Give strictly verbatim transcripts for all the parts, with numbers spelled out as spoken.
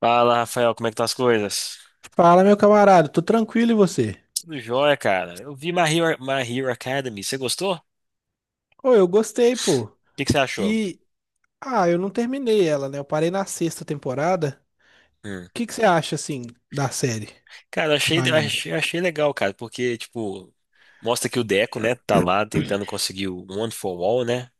Fala, Rafael, como é que estão as coisas? Fala, meu camarada, tô tranquilo e você? Tudo jóia, cara. Eu vi My Hero, My Hero Academy. Você gostou? O Ô, eu gostei, pô. que que você achou? E, ah, eu não terminei ela, né? Eu parei na sexta temporada. Hum. O que que você acha, assim, da série, Cara, eu do achei, eu anime? achei, eu achei legal, cara, porque, tipo, mostra que o Deco, né, tá lá tentando conseguir o One for All, né?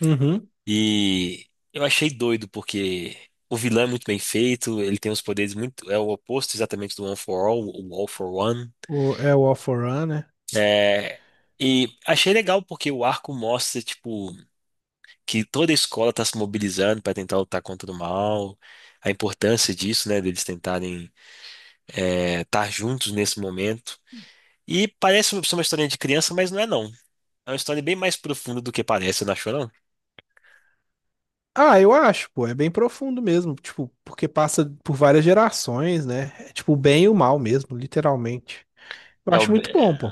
Uhum. E eu achei doido, porque o vilão é muito bem feito, ele tem os poderes muito. É o oposto exatamente do One for All, o All for One. O, é o All For One, né? É, e achei legal porque o arco mostra, tipo, que toda a escola está se mobilizando para tentar lutar contra o mal, a importância disso, né, deles tentarem estar juntos nesse momento. E parece ser uma história de criança, mas não é não. É uma história bem mais profunda do que parece, não achou não? Ah, eu acho, pô, é bem profundo mesmo, tipo, porque passa por várias gerações, né? É tipo o bem e o mal mesmo, literalmente. Eu É, o... acho muito bom, pô.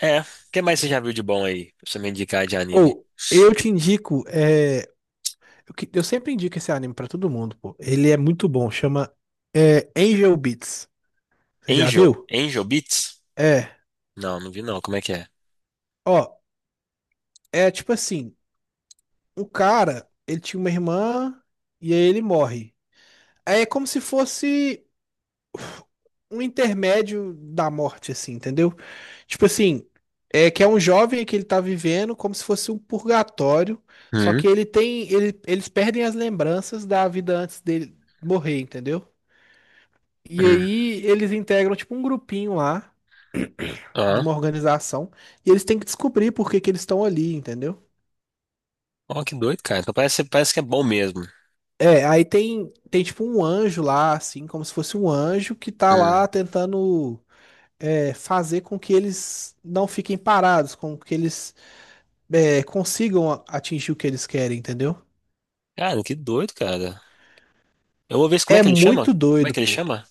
é, o que mais você já viu de bom aí, pra você me indicar de anime? Ou, eu te indico, é... Eu que- eu sempre indico esse anime pra todo mundo, pô. Ele é muito bom, chama é, Angel Beats. Você já Angel? viu? Angel Beats? É, Não, não vi não, como é que é? ó, é tipo assim, o cara, ele tinha uma irmã e aí ele morre. Aí é como se fosse um intermédio da morte, assim, entendeu? Tipo assim, é que é um jovem que ele tá vivendo como se fosse um purgatório, só Hum, que ele tem, ele, eles perdem as lembranças da vida antes dele morrer, entendeu? E hum. aí eles integram tipo um grupinho lá de uma Ah, organização e eles têm que descobrir por que que eles estão ali, entendeu? ó, que doido, cara. Então parece, parece que é bom mesmo. É, aí tem, tem tipo um anjo lá, assim, como se fosse um anjo que tá Hum. lá tentando é, fazer com que eles não fiquem parados, com que eles é, consigam a- atingir o que eles querem, entendeu? Cara, que doido, cara. Eu vou ver se- como é É que ele chama? muito Como é doido, que ele pô. chama?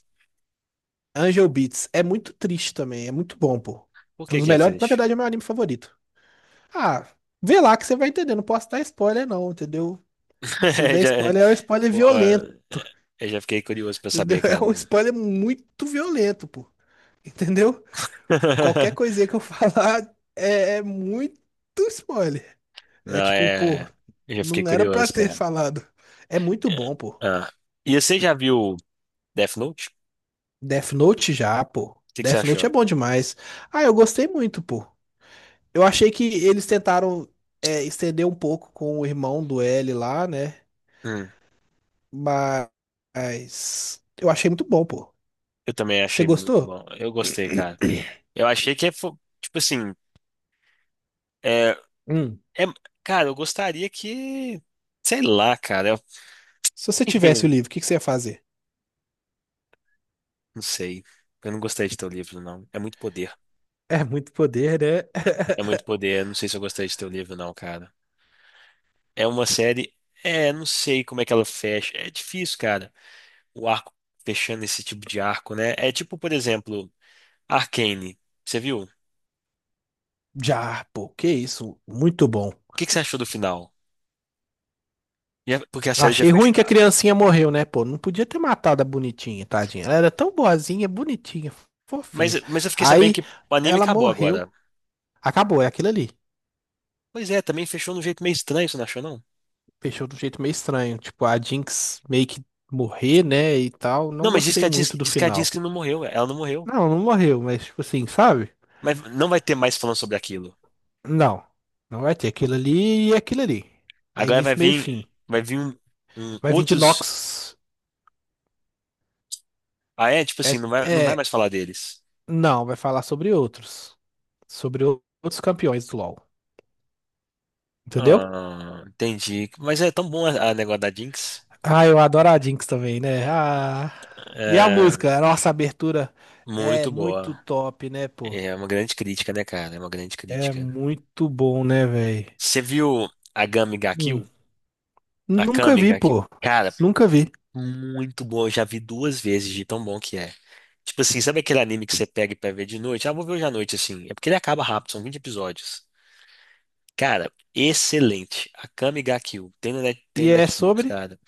Angel Beats é muito triste também, é muito bom, pô. Por É um que dos que é melhores, na triste? verdade é o meu anime favorito. Ah, vê lá que você vai entender, não posso dar spoiler não, entendeu? Se eu der Já, spoiler, é um spoiler pô, violento, entendeu? eu já fiquei curioso pra saber, É um cara. spoiler muito violento, pô. Entendeu? Qualquer coisinha que eu falar é, é muito spoiler. É Não, tipo, pô, é. Eu já fiquei não era pra curioso, ter cara. falado. É muito É, bom, pô. ah. E você já viu Death Note? O Death Note já, pô. que que você Death Note é achou? bom demais. Ah, eu gostei muito, pô. Eu achei que eles tentaram é, estender um pouco com o irmão do L lá, né? Hum, Mas eu achei muito bom, pô. eu também Você achei muito gostou? bom. Eu gostei, cara. Eu achei que, é fo- tipo assim, é, Hum. é- cara, eu gostaria que, sei lá, cara, eu, Se você tivesse o enfim, livro, o que que você ia fazer? não sei. Eu não gostei de teu livro, não. É muito poder. É muito poder, né? É muito poder. Eu não sei se eu gostei de teu livro, não, cara. É uma série. É, não sei como é que ela fecha. É difícil, cara, o arco fechando esse tipo de arco, né? É tipo, por exemplo, Arcane. Você viu? O Já, pô, que isso, muito bom. que que você achou do final? E é- Porque a série já Achei ruim fechou. que a Ah, criancinha morreu, né? Pô, não podia ter matado a bonitinha, tadinha. Ela era tão boazinha, bonitinha, Mas, fofinha. mas eu fiquei sabendo Aí que o anime ela acabou morreu. agora. Acabou, é aquilo ali. Pois é, também fechou de um jeito meio estranho, você não achou, não? Fechou de um jeito meio estranho. Tipo, a Jinx meio que morrer, né? E tal. Não Não, mas diz gostei que a Dis- muito do diz que a final. Disney não morreu, é, ela não morreu. Não, não morreu, mas tipo assim, sabe? Mas não vai ter mais falando sobre aquilo. Não. Não vai ter aquilo ali e aquilo ali. É Agora vai início, meio e vir, fim. vai vir um, um- Vai vir de outros. Nox. Ah, é? Tipo É, assim, não vai, não vai é. mais falar deles. Não, vai falar sobre outros. Sobre o- outros campeões do LoL. Entendeu? Ah, entendi. Mas é tão bom a, a negócio da Jinx. Ah, eu adoro a Jinx também, né? Ah, e a É música, nossa, a abertura é muito muito boa. top, né, pô? É uma grande crítica, né, cara? É uma grande É crítica. muito bom, né, velho? Você viu a Gami ga Hum. Kill? A Nunca Kami vi, ga Kill? pô. Cara, Nunca vi. muito bom. Eu já vi duas vezes de tão bom que é. Tipo assim, sabe aquele anime que você pega pra ver de noite? Ah, vou ver hoje à noite, assim. É porque ele acaba rápido, são vinte episódios. Cara, excelente. A Kami ga Kill. Tem no Net- tem E no é Netflix, sobre? cara.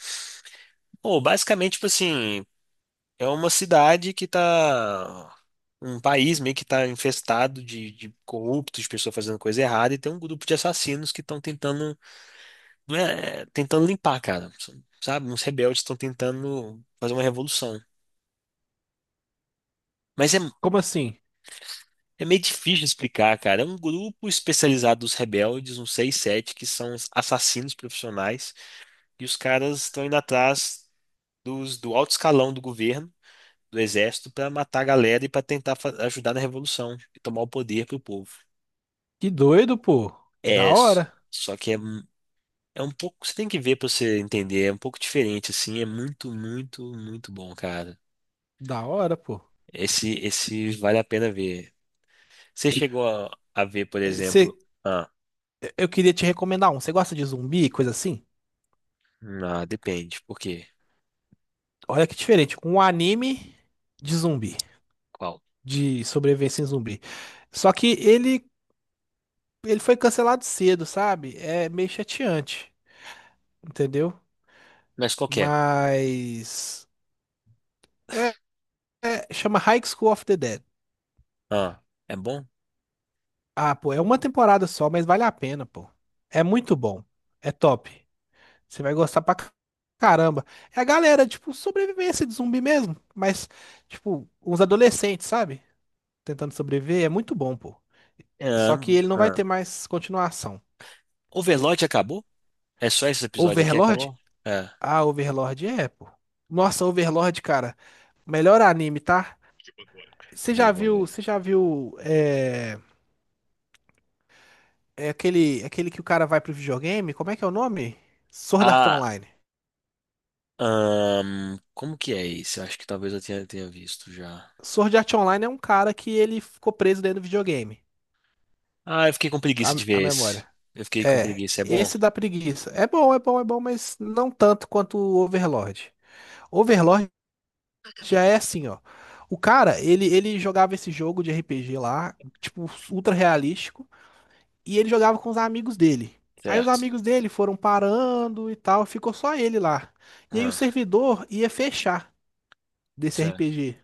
Pô, basicamente, tipo assim. É uma cidade que tá. Um país meio que tá infestado de, de corruptos, de pessoas fazendo coisa errada, e tem um grupo de assassinos que estão tentando, não é- tentando limpar, cara. Sabe? Uns rebeldes estão tentando fazer uma revolução. Mas é, Como assim? é meio difícil de explicar, cara. É um grupo especializado dos rebeldes, uns seis, sete, que são os assassinos profissionais, e os caras estão indo atrás dos, do alto escalão do governo do exército para matar a galera e para tentar fa- ajudar na revolução e tomar o poder pro povo. Que doido, pô. É, Da s- hora. só que é, um- é um pouco, você tem que ver para você entender, é um pouco diferente assim, é muito, muito, muito bom, cara. Da hora, pô. Esse esse vale a pena ver. Você chegou a, a, ver, por Eh, cê- exemplo, ah, eu queria te recomendar um. Você gosta de zumbi, e coisa assim? ah, depende, por quê? Olha que diferente. Um anime de zumbi. Qual? De sobrevivência em zumbi. Só que ele ele foi cancelado cedo, sabe? É meio chateante, entendeu? Mas qual que é? Mas é, é- chama High School of the Dead. Ah, é bom? Ah, pô, é uma temporada só, mas vale a pena, pô. É muito bom. É top. Você vai gostar pra ca- caramba. É a galera, tipo, sobrevivência de zumbi mesmo, mas tipo, uns adolescentes, sabe? Tentando sobreviver, é muito bom, pô. Ah, Só que ele não vai ah. ter mais continuação. Overlord acabou? É só esses episódios aqui Overlord? acabou? É, Ah, Overlord é, pô. Nossa, Overlord, cara. Melhor anime, tá? Você eu já vou viu, ver. você já viu é, é aquele, é aquele que o cara vai pro videogame? Como é que é o nome? Sword Art ah Online. Ahn, como que é esse? Eu acho que talvez eu tenha, tenha visto já. Sword Art Online é um cara que ele ficou preso dentro do videogame. Ah, eu fiquei com preguiça A, de a ver esse. memória. Eu fiquei com É, preguiça. É bom? esse da preguiça. É bom, é bom, é bom, mas não tanto quanto o Overlord. Overlord já é assim, ó. O cara, ele, ele jogava esse jogo de R P G lá, tipo, ultra realístico. E ele jogava com os amigos dele. Aí os Certo. amigos dele foram parando e tal, ficou só ele lá. E aí o Ah, servidor ia fechar desse certo. R P G.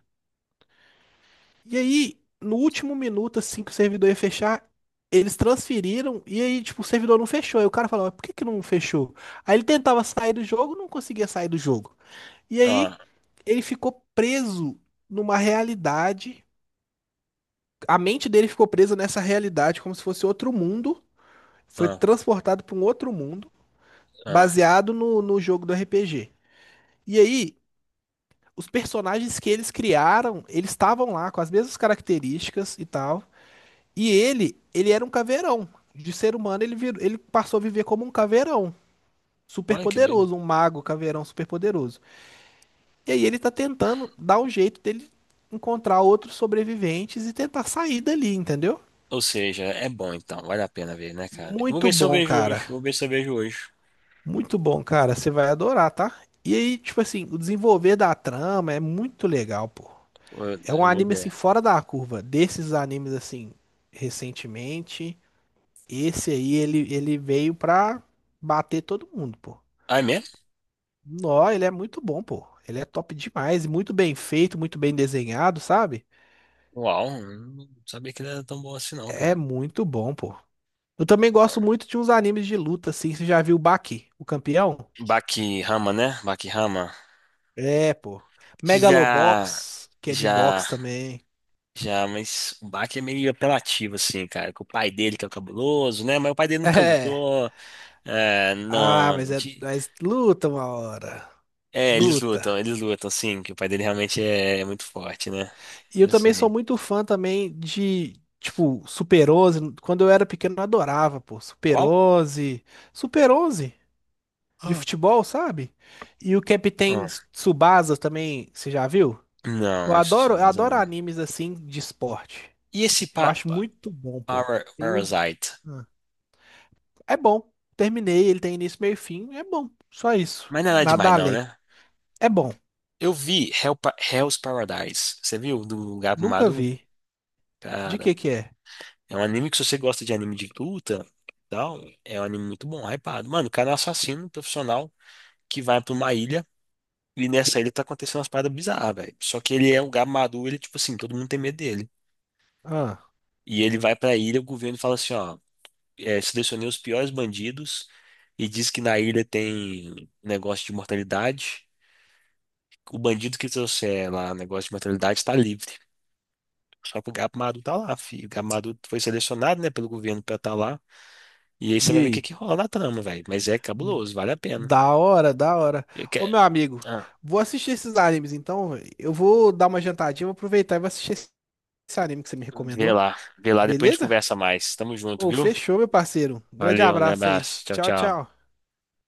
E aí, no último minuto, assim que o servidor ia fechar, eles transferiram e aí, tipo, o servidor não fechou. Aí o cara falava, por que que não fechou? Aí ele tentava sair do jogo, não conseguia sair do jogo. E aí, Ah, ele ficou preso numa realidade. A mente dele ficou presa nessa realidade, como se fosse outro mundo. Foi ah, transportado para um outro mundo, ah. baseado no, no jogo do R P G. E aí, os personagens que eles criaram, eles estavam lá com as mesmas características e tal. E ele, ele era um caveirão. De ser humano, ele, virou, ele passou a viver como um caveirão. Super Olha que doido. poderoso, um mago caveirão super poderoso. E aí ele tá tentando dar um jeito dele encontrar outros sobreviventes e tentar sair dali, entendeu? Ou seja, é bom então. Vale a pena ver, né, cara? Eu vou Muito ver se eu bom, vejo hoje. Eu cara. vou ver se eu vejo hoje. Muito bom, cara. Você vai adorar, tá? E aí, tipo assim, o desenvolver da trama é muito legal, pô. Eu, É um eu vou anime assim ver. fora da curva. Desses animes assim recentemente, esse aí ele, ele veio pra bater todo mundo, pô. Ah, é mesmo? Nó, ele é muito bom, pô. Ele é top demais, e muito bem feito, muito bem desenhado, sabe? Uau, não sabia que ele era tão bom assim, não, É cara. muito bom, pô. Eu também gosto muito de uns animes de luta, assim. Você já viu o Baki, o campeão? Bakirama, né? Bakirama. É, pô. Já. Megalobox, que é de Já. boxe também. Já, mas o Bach é meio apelativo, assim, cara. Com o pai dele, que é o cabuloso, né? Mas o pai dele nunca É. lutou. É, Ah, não. mas é, de- mas luta uma hora. É, eles lutam, Luta. eles lutam, sim. Que o pai dele realmente é é muito forte, né? E eu Eu também sou sei. muito fã também de, tipo, Super Onze. Quando eu era pequeno, eu adorava, pô. Super Qual? onze Super Onze de Ah, futebol, sabe? E o Capitão ah, Tsubasa também, você já viu? Eu não, isso adoro, eu Tsubasa adoro não. animes assim de esporte. E esse Eu pa acho Pa- muito bom, pô. Para- Tem um... Parasite? Ah, é bom. Terminei, ele tem início, meio e fim. É bom. Só isso. Mas não é nada Nada demais, não, além. né? É bom. Eu vi Hell Pa- Hell's Paradise. Você viu? Do Gabo Nunca Madu? vi. De que que é? É um anime que se você gosta de anime de luta, tal, é um anime muito bom, hypado. Mano, o cara é um assassino profissional que vai pra uma ilha e nessa ilha tá acontecendo umas paradas bizarras, velho. Só que ele é um gado maduro, ele, tipo assim, todo mundo tem medo dele. Ah, E ele vai pra ilha, o governo fala assim, ó, é, selecionei os piores bandidos e diz que na ilha tem negócio de mortalidade. O bandido que trouxer lá negócio de mortalidade tá livre. Só que o gado maduro tá lá, filho. O gado maduro foi selecionado, né, pelo governo pra estar lá. E aí você e vai ver o que aí? que rola na trama, velho. Mas é cabuloso, vale a pena. Da hora, da hora. Eu que- Ô, meu amigo, ah, vou assistir esses animes então, véi. Eu vou dar uma jantadinha, vou aproveitar e vou assistir esse esse anime que você me vê recomendou. lá, vê lá, depois a gente Beleza? conversa mais. Tamo junto, Ô, viu? fechou, meu parceiro. Grande Valeu, um grande abraço aí. abraço. Tchau, Tchau, tchau. tchau.